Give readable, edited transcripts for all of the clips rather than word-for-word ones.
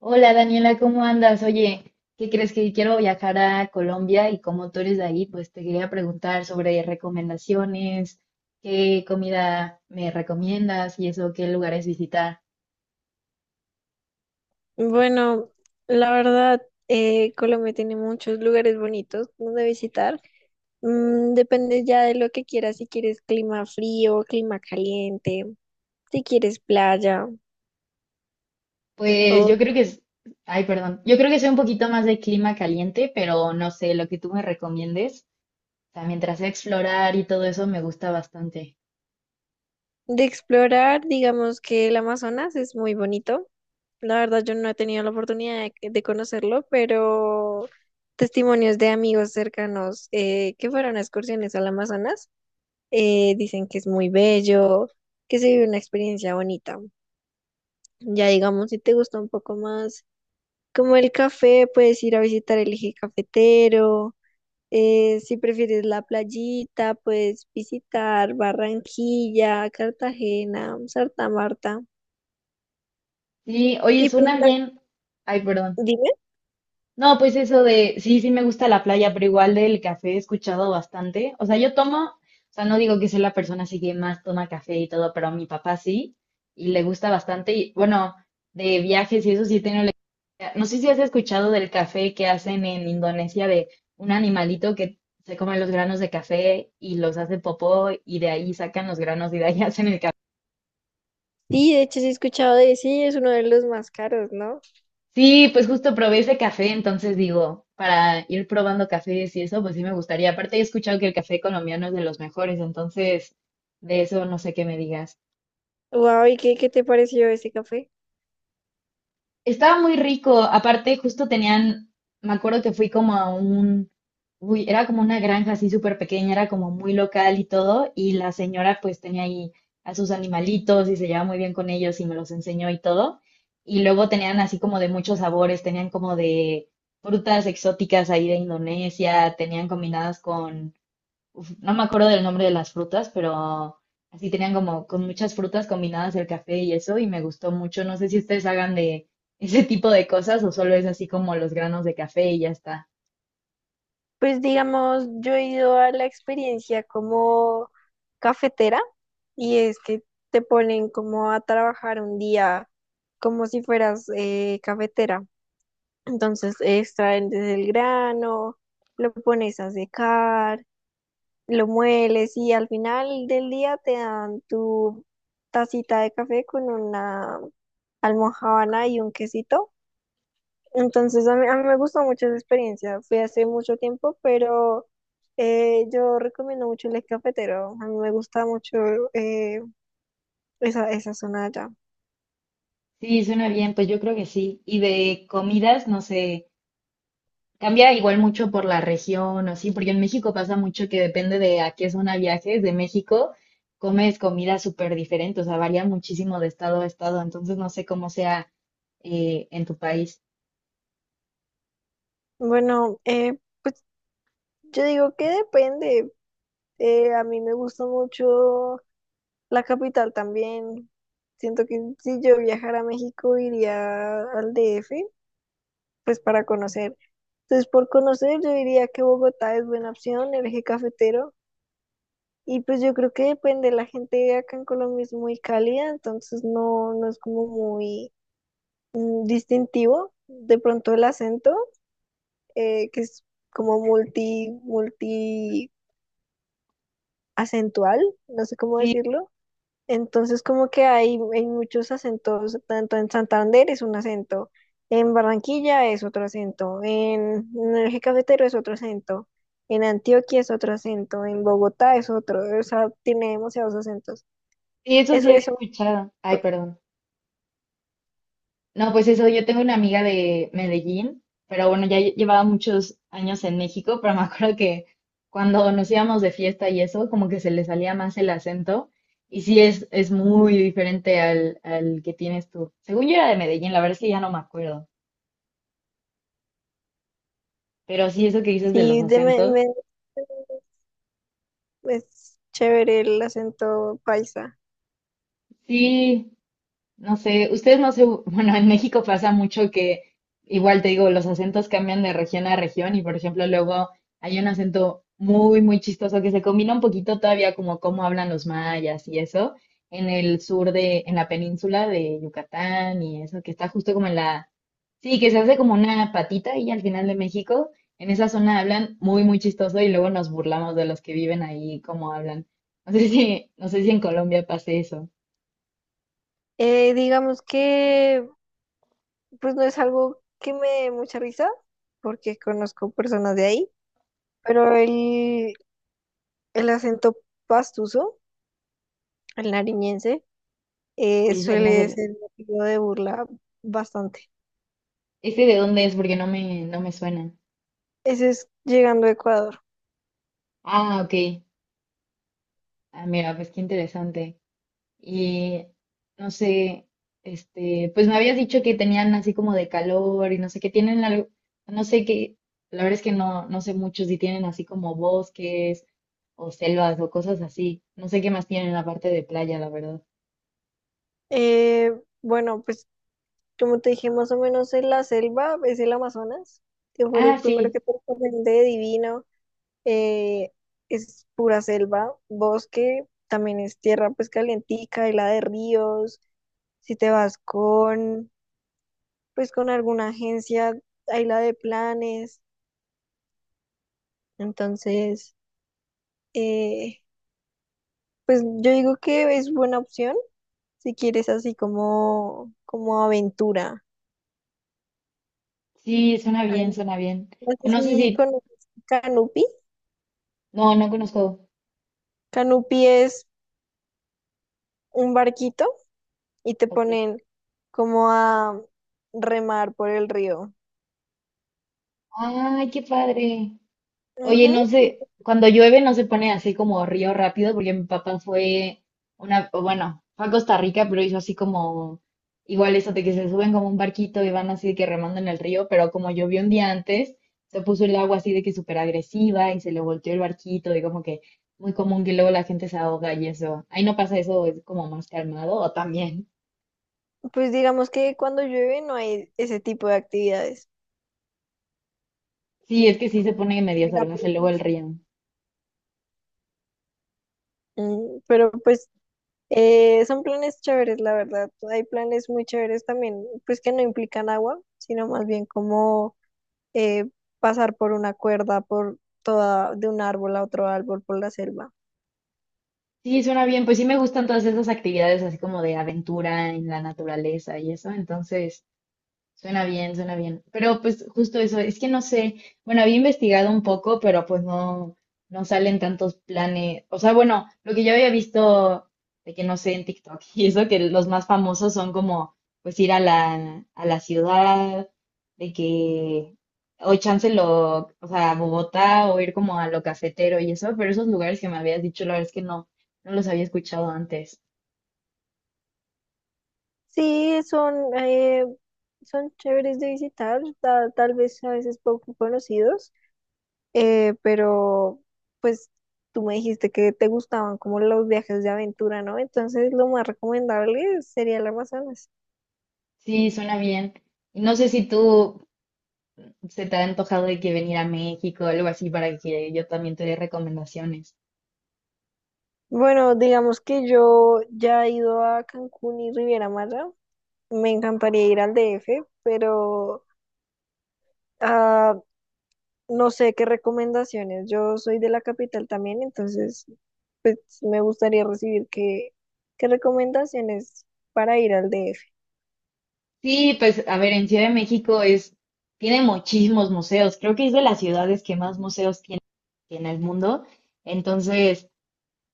Hola Daniela, ¿cómo andas? Oye, ¿qué crees que quiero viajar a Colombia y como tú eres de ahí, pues te quería preguntar sobre recomendaciones, qué comida me recomiendas y eso, qué lugares visitar. Bueno, la verdad, Colombia tiene muchos lugares bonitos donde visitar. Depende ya de lo que quieras, si quieres clima frío, clima caliente, si quieres playa Pues o yo creo que es, ay, perdón, yo creo que soy un poquito más de clima caliente, pero no sé, lo que tú me recomiendes, o sea, mientras sea explorar y todo eso me gusta bastante. de explorar, digamos que el Amazonas es muy bonito. La verdad, yo no he tenido la oportunidad de conocerlo, pero testimonios de amigos cercanos que fueron a excursiones al Amazonas dicen que es muy bello, que se vive una experiencia bonita. Ya digamos, si te gusta un poco más como el café, puedes ir a visitar el eje cafetero. Si prefieres la playita, puedes visitar Barranquilla, Cartagena, Santa Marta. Sí, oye, Y pues, suena bien. Ay, perdón. dime. No, pues eso de, sí, sí me gusta la playa, pero igual del café he escuchado bastante. O sea, yo tomo, o sea, no digo que sea la persona así que más toma café y todo, pero a mi papá sí, y le gusta bastante. Y bueno, de viajes y eso sí tengo la experiencia. No sé si has escuchado del café que hacen en Indonesia de un animalito que se come los granos de café y los hace popó y de ahí sacan los granos y de ahí hacen el café. Sí, de hecho, sí he escuchado de sí, es uno de los más caros, ¿no? Sí, pues justo probé ese café, entonces digo, para ir probando cafés y eso, pues sí me gustaría. Aparte, he escuchado que el café colombiano es de los mejores, entonces de eso no sé qué me digas. Wow, ¿y qué te pareció ese café? Estaba muy rico. Aparte, justo tenían, me acuerdo que fui como a un, uy, era como una granja así súper pequeña, era como muy local y todo. Y la señora pues tenía ahí a sus animalitos y se llevaba muy bien con ellos y me los enseñó y todo. Y luego tenían así como de muchos sabores, tenían como de frutas exóticas ahí de Indonesia, tenían combinadas con uf, no me acuerdo del nombre de las frutas, pero así tenían como con muchas frutas combinadas el café y eso, y me gustó mucho. No sé si ustedes hagan de ese tipo de cosas o solo es así como los granos de café y ya está. Pues digamos, yo he ido a la experiencia como cafetera, y es que te ponen como a trabajar un día como si fueras cafetera. Entonces extraen desde el grano, lo pones a secar, lo mueles y al final del día te dan tu tacita de café con una almojábana y un quesito. Entonces, a mí me gustó mucho esa experiencia. Fue hace mucho tiempo, pero yo recomiendo mucho el cafetero. A mí me gusta mucho eh, esa zona de allá. Sí, suena bien, pues yo creo que sí. Y de comidas, no sé, cambia igual mucho por la región o así, porque en México pasa mucho que depende de a qué zona viajes, de México comes comida súper diferente, o sea, varía muchísimo de estado a estado, entonces no sé cómo sea en tu país. Bueno, pues yo digo que depende. A mí me gusta mucho la capital también. Siento que si yo viajara a México, iría al DF, pues para conocer. Entonces, por conocer, yo diría que Bogotá es buena opción, el eje cafetero. Y pues yo creo que depende, la gente acá en Colombia es muy cálida, entonces no, no es como muy distintivo. De pronto el acento, que es como multi acentual, no sé cómo Sí, decirlo. Entonces como que hay muchos acentos, tanto en Santander es un acento, en Barranquilla es otro acento, en el eje cafetero es otro acento, en Antioquia es otro acento, en Bogotá es otro, o sea, tiene demasiados acentos. Sí, eso sí Eso, había eso escuchado. Ay, perdón. No, pues eso, yo tengo una amiga de Medellín, pero bueno, ya llevaba muchos años en México, pero me acuerdo que cuando nos íbamos de fiesta y eso, como que se le salía más el acento. Y sí, es muy diferente al, al que tienes tú. Según yo era de Medellín, la verdad es que ya no me acuerdo. Pero sí, eso que dices de los Sí, acentos, es chévere el acento paisa. sí, No sé, ustedes no se, bueno, en México pasa mucho que igual te digo, los acentos cambian de región a región y por ejemplo luego hay un acento muy, muy chistoso que se combina un poquito todavía como cómo hablan los mayas y eso en el sur de, en la península de Yucatán y eso, que está justo como en la, sí, que se hace como una patita y al final de México, en esa zona hablan muy, muy chistoso y luego nos burlamos de los que viven ahí, cómo hablan. No sé si, no sé si en Colombia pase eso. Digamos que pues no es algo que me dé mucha risa, porque conozco personas de ahí, pero el acento pastuso, el nariñense, Oye, no sé, suele ser motivo de burla bastante. ¿ese de dónde es? Porque no me, no me suena. Ese es llegando a Ecuador. Ah, ok. Ah, mira, pues qué interesante. Y no sé, este, pues me habías dicho que tenían así como de calor y no sé qué tienen algo, no sé qué, la verdad es que no, no sé mucho si tienen así como bosques o selvas o cosas así. No sé qué más tienen aparte de playa, la verdad. Eh, bueno, pues como te dije, más o menos en la selva, es el Amazonas, que fue el Ah, primero sí, que te recomendé, divino. eh, es pura selva, bosque, también es tierra pues calientica, y la de ríos, si te vas con pues con alguna agencia, hay la de planes, entonces eh, pues yo digo que es buena opción si quieres así como aventura. sí, suena Ahí. bien, suena bien. No O sé no sé si si, conoces Canupi. no, no conozco. Canupi es un barquito y te Ok. ponen como a remar por el río. Ay, qué padre. Oye, Ujú. no sé, cuando llueve no se pone así como río rápido, porque mi papá fue una, o bueno, fue a Costa Rica, pero hizo así como, igual eso de que se suben como un barquito y van así de que remando en el río, pero como llovió un día antes, se puso el agua así de que súper agresiva y se le volteó el barquito y como que muy común que luego la gente se ahoga y eso. Ahí no pasa eso, es como más calmado o también. Pues digamos que cuando llueve no hay ese tipo de actividades. Sí, es que sí se pone medio En la salvaje luego el población. río. Pero pues son planes chéveres, la verdad. Hay planes muy chéveres también, pues que no implican agua, sino más bien como eh, pasar por una cuerda, por toda, de un árbol a otro árbol, por la selva. Sí, suena bien. Pues sí me gustan todas esas actividades así como de aventura en la naturaleza y eso. Entonces, suena bien, suena bien. Pero pues justo eso, es que no sé, bueno, había investigado un poco, pero pues no, no salen tantos planes. O sea, bueno, lo que yo había visto de que no sé en TikTok y eso, que los más famosos son como pues ir a la ciudad, de que, o chance lo, o sea, a Bogotá o ir como a lo cafetero y eso, pero esos lugares que me habías dicho, la verdad es que no, no los había escuchado antes. Sí, son chéveres de visitar, tal vez a veces poco conocidos. Pero pues tú me dijiste que te gustaban como los viajes de aventura, ¿no? Entonces lo más recomendable sería el Amazonas. Sí, suena bien. Y no sé si tú, ¿se te ha antojado de que venir a México o algo así para que yo también te dé recomendaciones? Bueno, digamos que yo ya he ido a Cancún y Riviera Maya. Me encantaría ir al DF, pero ah, no sé qué recomendaciones. Yo soy de la capital también, entonces pues, me gustaría recibir qué recomendaciones para ir al DF. Sí, pues a ver, en Ciudad de México es, tiene muchísimos museos. Creo que es de las ciudades que más museos tiene en el mundo. Entonces,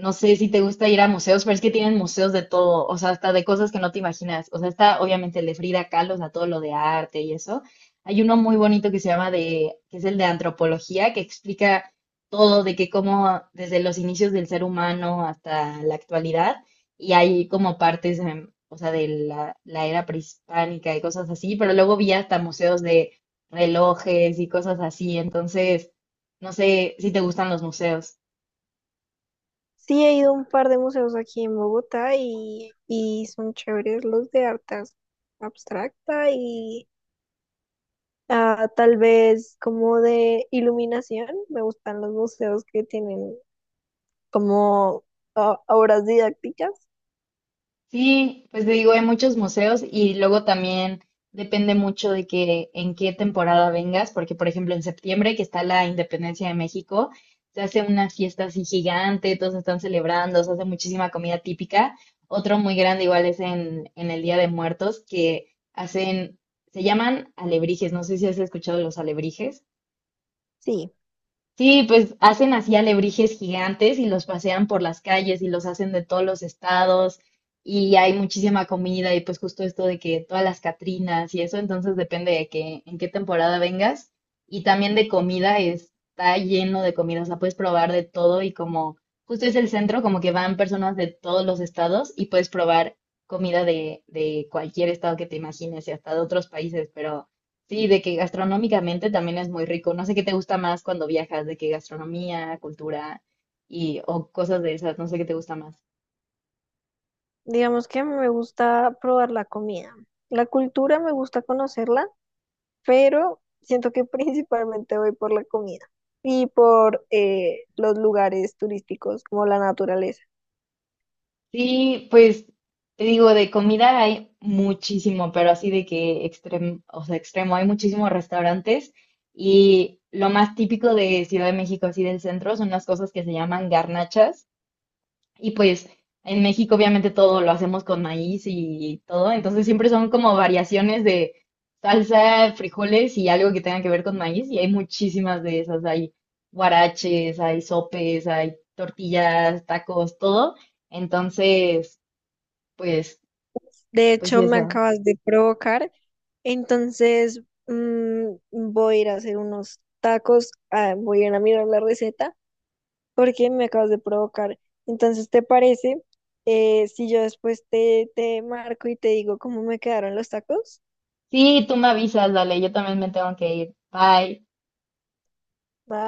no sé si te gusta ir a museos, pero es que tienen museos de todo, o sea, hasta de cosas que no te imaginas. O sea, está obviamente el de Frida Kahlo, o sea, todo lo de arte y eso. Hay uno muy bonito que se llama de, que es el de antropología, que explica todo de que cómo desde los inicios del ser humano hasta la actualidad, y hay como partes, o sea, de la, la era prehispánica y cosas así, pero luego vi hasta museos de relojes y cosas así. Entonces, no sé si te gustan los museos. Sí, he ido a un par de museos aquí en Bogotá y son chéveres los de artes abstracta y tal vez como de iluminación. Me gustan los museos que tienen como obras didácticas. Sí, pues te digo, hay muchos museos y luego también depende mucho de que en qué temporada vengas, porque por ejemplo en septiembre que está la Independencia de México, se hace una fiesta así gigante, todos están celebrando, se hace muchísima comida típica. Otro muy grande igual es en el Día de Muertos que hacen, se llaman alebrijes, no sé si has escuchado los alebrijes. Sí, Sí, pues hacen así alebrijes gigantes y los pasean por las calles y los hacen de todos los estados y hay muchísima comida y pues justo esto de que todas las Catrinas y eso, entonces depende de que en qué temporada vengas y también de comida, está lleno de comida, o sea, puedes probar de todo y como justo es el centro, como que van personas de todos los estados y puedes probar comida de cualquier estado que te imagines y hasta de otros países, pero... Sí, de que gastronómicamente también es muy rico. No sé qué te gusta más cuando viajas, de que gastronomía, cultura y o cosas de esas, no sé qué te gusta más. digamos que me gusta probar la comida. La cultura me gusta conocerla, pero siento que principalmente voy por la comida y por los lugares turísticos como la naturaleza. Sí, pues te digo, de comida hay muchísimo, pero así de que extremo, o sea, extremo, hay muchísimos restaurantes y lo más típico de Ciudad de México, así del centro, son las cosas que se llaman garnachas. Y pues en México obviamente todo lo hacemos con maíz y todo, entonces siempre son como variaciones de salsa, frijoles y algo que tenga que ver con maíz y hay muchísimas de esas, hay huaraches, hay sopes, hay tortillas, tacos, todo. Entonces, pues, De pues hecho, me eso. acabas de provocar. Entonces, voy a ir a hacer unos tacos. Voy a ir a mirar la receta porque me acabas de provocar. Entonces, ¿te parece si yo después te marco y te digo cómo me quedaron los tacos? Sí, tú me avisas, dale, yo también me tengo que ir. Bye. ¿Va?